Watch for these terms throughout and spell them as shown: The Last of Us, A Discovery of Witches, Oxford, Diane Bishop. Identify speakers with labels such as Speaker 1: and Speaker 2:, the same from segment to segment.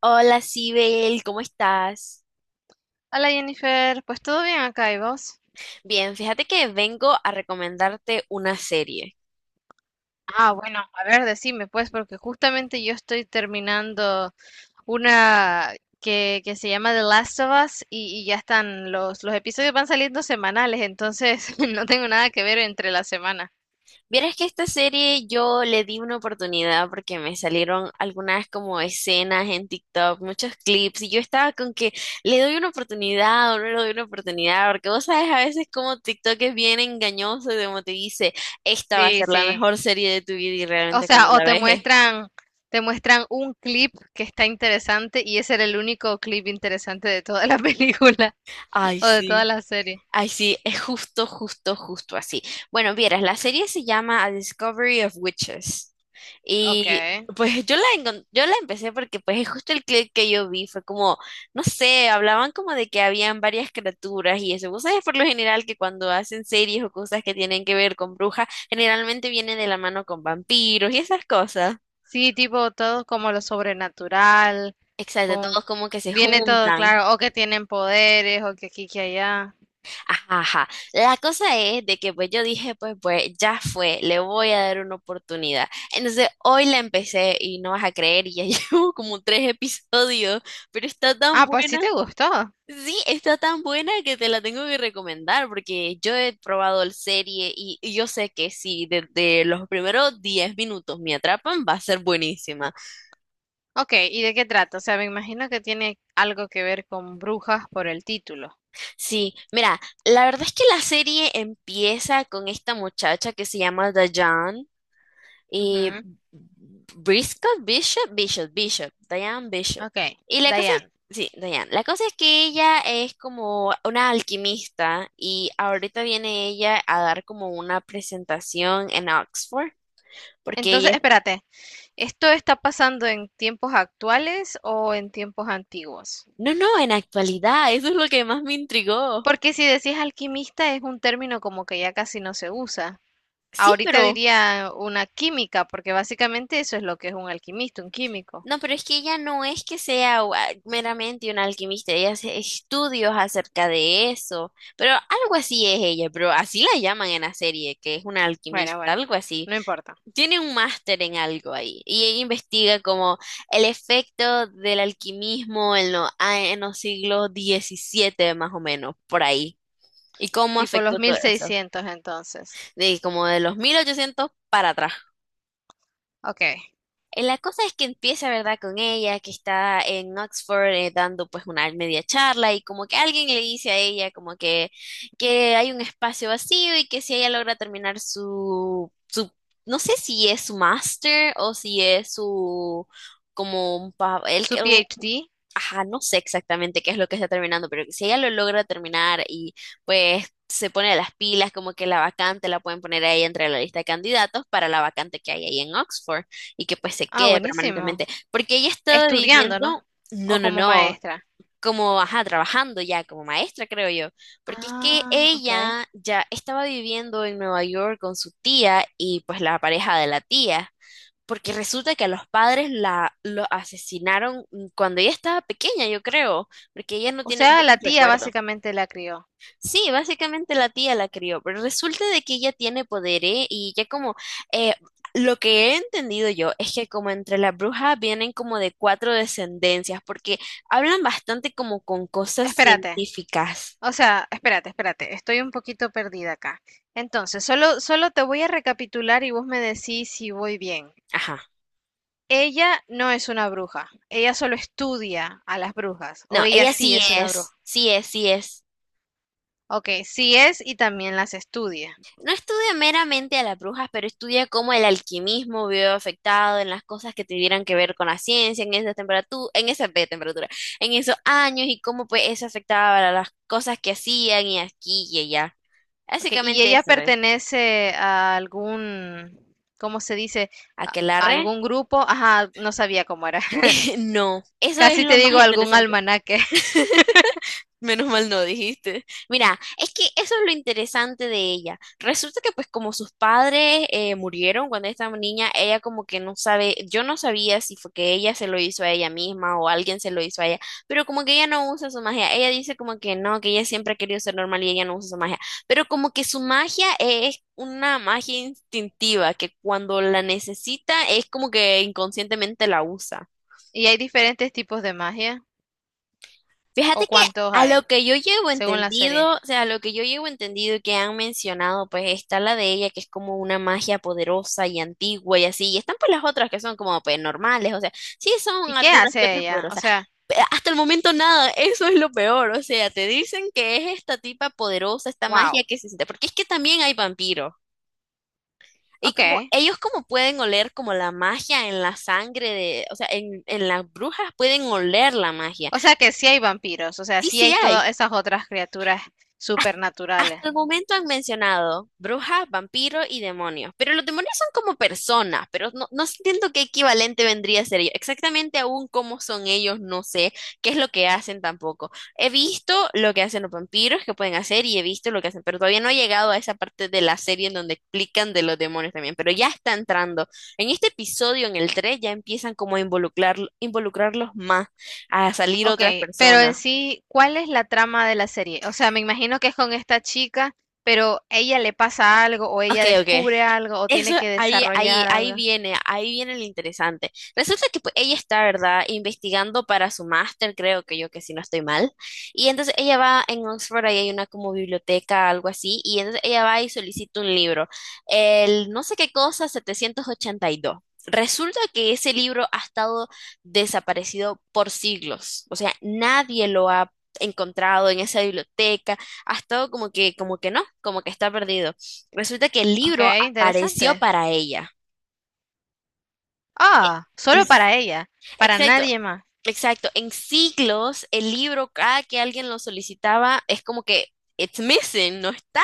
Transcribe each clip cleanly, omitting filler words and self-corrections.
Speaker 1: Hola, Sibel, ¿cómo estás?
Speaker 2: Hola Jennifer, pues todo bien acá y vos.
Speaker 1: Bien, fíjate que vengo a recomendarte una serie.
Speaker 2: Ah, bueno, a ver, decime pues, porque justamente yo estoy terminando una que se llama The Last of Us y ya están, los episodios van saliendo semanales, entonces no tengo nada que ver entre la semana.
Speaker 1: Vieras que esta serie yo le di una oportunidad porque me salieron algunas como escenas en TikTok, muchos clips, y yo estaba con que le doy una oportunidad o no le doy una oportunidad, porque vos sabes a veces como TikTok es bien engañoso y como te dice, esta va a
Speaker 2: Sí,
Speaker 1: ser la
Speaker 2: sí.
Speaker 1: mejor serie de tu vida y
Speaker 2: O
Speaker 1: realmente cuando
Speaker 2: sea,
Speaker 1: la ves es,
Speaker 2: te muestran un clip que está interesante y ese era el único clip interesante de toda la película
Speaker 1: ay,
Speaker 2: o de toda
Speaker 1: sí.
Speaker 2: la serie.
Speaker 1: Ay, sí, es justo, justo, justo así. Bueno, vieras, la serie se llama A Discovery of Witches.
Speaker 2: Ok.
Speaker 1: Y pues yo la empecé porque pues es justo el clip que yo vi, fue como, no sé, hablaban como de que habían varias criaturas y eso. Vos sabés por lo general que cuando hacen series o cosas que tienen que ver con brujas, generalmente viene de la mano con vampiros y esas cosas.
Speaker 2: Sí, tipo todo como lo sobrenatural,
Speaker 1: Exacto,
Speaker 2: con
Speaker 1: todos como que se
Speaker 2: viene todo
Speaker 1: juntan.
Speaker 2: claro, o que tienen poderes, o que aquí, que allá.
Speaker 1: Ajá, ajá. La cosa es de que pues yo dije, pues ya fue, le voy a dar una oportunidad. Entonces hoy la empecé y no vas a creer, y ya llevo como tres episodios, pero está tan
Speaker 2: Ah, pues sí
Speaker 1: buena.
Speaker 2: te gustó.
Speaker 1: Sí, está tan buena que te la tengo que recomendar porque yo he probado la serie y yo sé que si desde los primeros 10 minutos me atrapan, va a ser buenísima.
Speaker 2: Ok, ¿y de qué trata? O sea, me imagino que tiene algo que ver con brujas por el título.
Speaker 1: Sí, mira, la verdad es que la serie empieza con esta muchacha que se llama Dayan Y
Speaker 2: Ujú.
Speaker 1: Briscoe, Bishop, Diane Bishop.
Speaker 2: Ok,
Speaker 1: Y la cosa es,
Speaker 2: Diane.
Speaker 1: sí, Diane, la cosa es que ella es como una alquimista y ahorita viene ella a dar como una presentación en Oxford, porque
Speaker 2: Entonces,
Speaker 1: ella,
Speaker 2: espérate, ¿esto está pasando en tiempos actuales o en tiempos antiguos?
Speaker 1: no, no, en actualidad, eso es lo que más me intrigó.
Speaker 2: Porque si decís alquimista es un término como que ya casi no se usa.
Speaker 1: Sí,
Speaker 2: Ahorita
Speaker 1: pero...
Speaker 2: diría una química, porque básicamente eso es lo que es un alquimista, un químico.
Speaker 1: No, pero es que ella no es que sea meramente una alquimista, ella hace estudios acerca de eso, pero algo así es ella, pero así la llaman en la serie, que es una
Speaker 2: Bueno,
Speaker 1: alquimista,
Speaker 2: bueno,
Speaker 1: algo así.
Speaker 2: no importa.
Speaker 1: Tiene un máster en algo ahí y ella investiga como el efecto del alquimismo en los siglos XVII más o menos, por ahí, y cómo
Speaker 2: Tipo los
Speaker 1: afectó
Speaker 2: mil
Speaker 1: todo eso,
Speaker 2: seiscientos entonces.
Speaker 1: de como de los 1800 para atrás.
Speaker 2: Ok,
Speaker 1: La cosa es que empieza, ¿verdad?, con ella, que está en Oxford, dando pues una media charla y como que alguien le dice a ella como que hay un espacio vacío y que si ella logra terminar su, no sé si es su máster o si es su, como un, pa- el,
Speaker 2: su PhD.
Speaker 1: ajá, no sé exactamente qué es lo que está terminando, pero que si ella lo logra terminar y pues se pone las pilas, como que la vacante la pueden poner ahí entre la lista de candidatos para la vacante que hay ahí en Oxford y que pues se
Speaker 2: Ah,
Speaker 1: quede
Speaker 2: buenísimo.
Speaker 1: permanentemente, porque ella ha estado
Speaker 2: Estudiando, ¿no?
Speaker 1: viviendo, no,
Speaker 2: O
Speaker 1: no,
Speaker 2: como
Speaker 1: no.
Speaker 2: maestra.
Speaker 1: Como, ajá, trabajando ya como maestra, creo yo, porque es que
Speaker 2: Ah, ok.
Speaker 1: ella ya estaba viviendo en Nueva York con su tía y pues la pareja de la tía, porque resulta que a los padres la lo asesinaron cuando ella estaba pequeña, yo creo, porque ella no
Speaker 2: O
Speaker 1: tiene
Speaker 2: sea, la
Speaker 1: muchos
Speaker 2: tía
Speaker 1: recuerdos.
Speaker 2: básicamente la crió.
Speaker 1: Sí, básicamente la tía la crió, pero resulta de que ella tiene poder, ¿eh? Y ya como eh, lo que he entendido yo es que como entre las brujas vienen como de cuatro descendencias, porque hablan bastante como con cosas
Speaker 2: Espérate.
Speaker 1: científicas.
Speaker 2: O sea, espérate. Estoy un poquito perdida acá. Entonces, solo te voy a recapitular y vos me decís si voy bien.
Speaker 1: Ajá.
Speaker 2: Ella no es una bruja. Ella solo estudia a las brujas. O
Speaker 1: No,
Speaker 2: ella
Speaker 1: ella
Speaker 2: sí
Speaker 1: sí
Speaker 2: es una bruja.
Speaker 1: es, sí es, sí es.
Speaker 2: Ok, sí es y también las estudia.
Speaker 1: No estudia meramente a las brujas, pero estudia cómo el alquimismo vio afectado en las cosas que tuvieran que ver con la ciencia en esa temperatura, en esos años y cómo pues eso afectaba a las cosas que hacían y aquí y allá.
Speaker 2: Ok, y
Speaker 1: Básicamente
Speaker 2: ella
Speaker 1: eso es.
Speaker 2: pertenece a algún, ¿cómo se dice? A a
Speaker 1: ¿Aquelarre?
Speaker 2: algún grupo. Ajá, no sabía cómo era.
Speaker 1: No, eso es
Speaker 2: Casi te
Speaker 1: lo más
Speaker 2: digo algún
Speaker 1: interesante.
Speaker 2: almanaque.
Speaker 1: Menos mal no dijiste. Mira, es que eso es lo interesante de ella. Resulta que pues como sus padres murieron cuando esta niña, ella como que no sabe, yo no sabía si fue que ella se lo hizo a ella misma o alguien se lo hizo a ella, pero como que ella no usa su magia. Ella dice como que no, que ella siempre ha querido ser normal y ella no usa su magia, pero como que su magia es una magia instintiva que cuando la necesita es como que inconscientemente la usa.
Speaker 2: Y hay diferentes tipos de magia. ¿O
Speaker 1: Fíjate que
Speaker 2: cuántos
Speaker 1: a
Speaker 2: hay?
Speaker 1: lo que yo llevo
Speaker 2: Según la serie.
Speaker 1: entendido, o sea, a lo que yo llevo entendido y que han mencionado, pues está la de ella, que es como una magia poderosa y antigua y así, y están pues las otras que son como pues normales, o sea, sí son
Speaker 2: ¿Y qué
Speaker 1: algunas que
Speaker 2: hace
Speaker 1: otras
Speaker 2: ella? O
Speaker 1: poderosas,
Speaker 2: sea,
Speaker 1: pero hasta el momento nada, eso es lo peor, o sea, te dicen que es esta tipa poderosa, esta magia
Speaker 2: wow.
Speaker 1: que se siente, porque es que también hay vampiros. Y como
Speaker 2: Ok.
Speaker 1: ellos como pueden oler como la magia en la sangre de, o sea, en las brujas pueden oler la magia.
Speaker 2: O sea que sí hay vampiros. O sea,
Speaker 1: Sí,
Speaker 2: sí
Speaker 1: sí
Speaker 2: hay todas
Speaker 1: hay.
Speaker 2: esas otras criaturas supernaturales.
Speaker 1: Hasta el momento han mencionado brujas, vampiros y demonios, pero los demonios son como personas, pero no, no entiendo qué equivalente vendría a ser ellos. Exactamente aún cómo son ellos, no sé qué es lo que hacen tampoco. He visto lo que hacen los vampiros, que pueden hacer, y he visto lo que hacen, pero todavía no he llegado a esa parte de la serie en donde explican de los demonios también, pero ya está entrando. En este episodio, en el 3 ya empiezan como a involucrar, involucrarlos más, a salir otras
Speaker 2: Okey, pero en
Speaker 1: personas.
Speaker 2: sí, ¿cuál es la trama de la serie? O sea, me imagino que es con esta chica, pero ¿ella le pasa algo o
Speaker 1: Ok,
Speaker 2: ella
Speaker 1: ok.
Speaker 2: descubre algo o
Speaker 1: Eso
Speaker 2: tiene que
Speaker 1: ahí, ahí,
Speaker 2: desarrollar
Speaker 1: ahí
Speaker 2: algo?
Speaker 1: viene, ahí viene lo interesante. Resulta que pues, ella está, ¿verdad?, investigando para su máster, creo que yo que si no estoy mal. Y entonces ella va en Oxford, ahí hay una como biblioteca, algo así, y entonces ella va y solicita un libro, el no sé qué cosa, 782. Resulta que ese libro ha estado desaparecido por siglos, o sea, nadie lo ha encontrado en esa biblioteca, ha estado como que no, como que está perdido. Resulta que el libro
Speaker 2: Okey,
Speaker 1: pareció
Speaker 2: interesante.
Speaker 1: para ella. E-
Speaker 2: Ah, solo para ella, para
Speaker 1: Exacto.
Speaker 2: nadie más.
Speaker 1: Exacto. En siglos, el libro, cada que alguien lo solicitaba, es como que, it's missing, no está.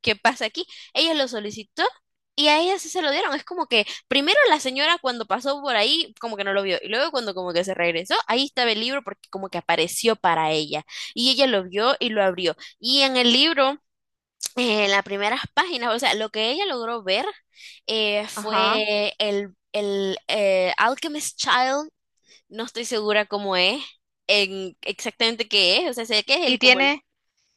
Speaker 1: ¿Qué pasa aquí? Ella lo solicitó y a ella sí se lo dieron. Es como que, primero la señora cuando pasó por ahí, como que no lo vio. Y luego cuando como que se regresó, ahí estaba el libro porque como que apareció para ella. Y ella lo vio y lo abrió. Y en el libro, en las primeras páginas, o sea, lo que ella logró ver,
Speaker 2: Ajá.
Speaker 1: fue el Alchemist Child, no estoy segura cómo es, en exactamente qué es, o sea, sé que es
Speaker 2: ¿Y
Speaker 1: el, como
Speaker 2: tiene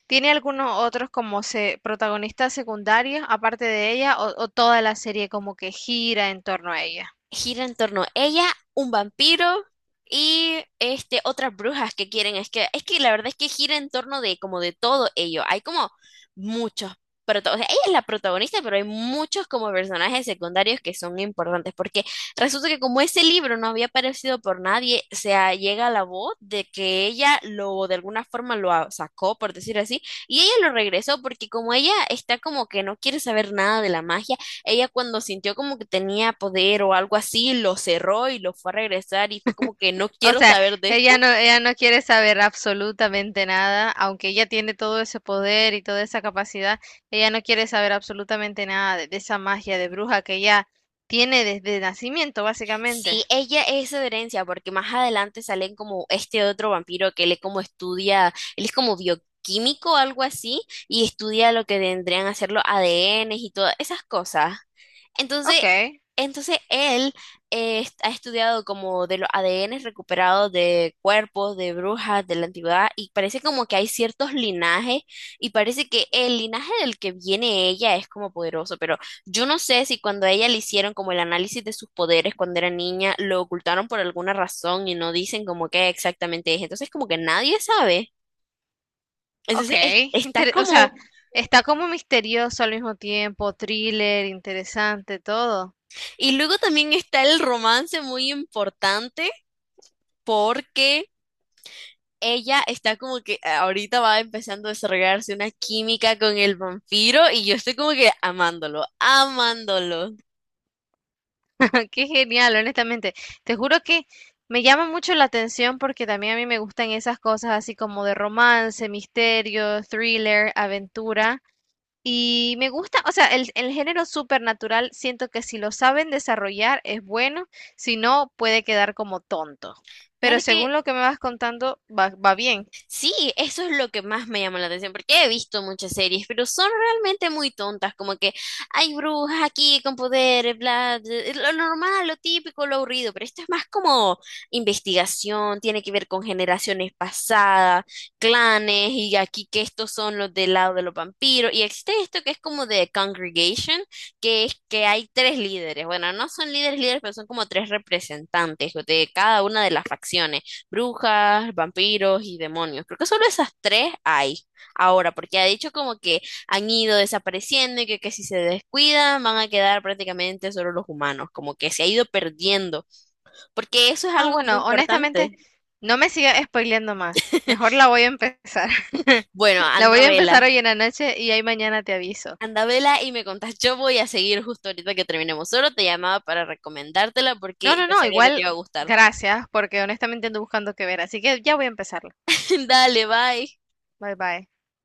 Speaker 2: tiene algunos otros como se protagonistas secundarios aparte de ella o toda la serie como que gira en torno a ella?
Speaker 1: gira en torno a ella, un vampiro y este otras brujas que quieren. Es que la verdad es que gira en torno de como de todo ello. Hay como muchos protagonistas. Ella es la protagonista, pero hay muchos como personajes secundarios que son importantes. Porque resulta que como ese libro no había aparecido por nadie, o sea, llega la voz de que ella lo de alguna forma lo a- sacó, por decir así, y ella lo regresó porque como ella está como que no quiere saber nada de la magia. Ella cuando sintió como que tenía poder o algo así, lo cerró y lo fue a regresar y fue como que no
Speaker 2: O
Speaker 1: quiero
Speaker 2: sea,
Speaker 1: saber de esto.
Speaker 2: ella no quiere saber absolutamente nada, aunque ella tiene todo ese poder y toda esa capacidad, ella no quiere saber absolutamente nada de, de esa magia de bruja que ella tiene desde nacimiento, básicamente.
Speaker 1: Sí, ella es herencia porque más adelante salen como este otro vampiro que él es como estudia, él es como bioquímico o algo así y estudia lo que tendrían a ser los ADNs y todas esas cosas. Entonces,
Speaker 2: Ok,
Speaker 1: entonces él, ha estudiado como de los ADN recuperados de cuerpos, de brujas, de la antigüedad, y parece como que hay ciertos linajes, y parece que el linaje del que viene ella es como poderoso, pero yo no sé si cuando a ella le hicieron como el análisis de sus poderes cuando era niña, lo ocultaron por alguna razón y no dicen como qué exactamente es, entonces como que nadie sabe.
Speaker 2: ok.
Speaker 1: Entonces está
Speaker 2: Inter- o sea,
Speaker 1: como.
Speaker 2: está como misterioso al mismo tiempo, thriller, interesante, todo.
Speaker 1: Y luego también está el romance muy importante, porque ella está como que ahorita va empezando a desarrollarse una química con el vampiro y yo estoy como que amándolo, amándolo.
Speaker 2: Qué genial, honestamente. Te juro que me llama mucho la atención porque también a mí me gustan esas cosas así como de romance, misterio, thriller, aventura. Y me gusta, o sea, el género supernatural siento que si lo saben desarrollar es bueno, si no puede quedar como tonto. Pero
Speaker 1: Fíjate que
Speaker 2: según lo que me vas contando, va bien.
Speaker 1: sí, eso es lo que más me llama la atención, porque he visto muchas series, pero son realmente muy tontas, como que hay brujas aquí con poderes, bla, bla, es lo normal, lo típico, lo aburrido, pero esto es más como investigación, tiene que ver con generaciones pasadas, clanes, y aquí que estos son los del lado de los vampiros, y existe esto que es como de congregation, que es que hay tres líderes, bueno, no son líderes líderes, pero son como tres representantes de cada una de las facciones brujas, vampiros y demonios. Creo que solo esas tres hay ahora, porque ha dicho como que han ido desapareciendo y que si se descuidan van a quedar prácticamente solo los humanos, como que se ha ido perdiendo, porque eso es
Speaker 2: Ah,
Speaker 1: algo muy
Speaker 2: bueno, honestamente,
Speaker 1: importante.
Speaker 2: no me sigas spoileando más. Mejor la voy a empezar.
Speaker 1: Bueno,
Speaker 2: La
Speaker 1: anda
Speaker 2: voy a
Speaker 1: vela.
Speaker 2: empezar hoy en la noche y ahí mañana te aviso.
Speaker 1: Anda vela y me contás, yo voy a seguir justo ahorita que terminemos. Solo te llamaba para recomendártela
Speaker 2: No,
Speaker 1: porque
Speaker 2: no,
Speaker 1: yo
Speaker 2: no,
Speaker 1: sabía que te
Speaker 2: igual
Speaker 1: iba a gustar.
Speaker 2: gracias, porque honestamente ando buscando qué ver, así que ya voy a empezarlo.
Speaker 1: Dale, bye.
Speaker 2: Bye bye.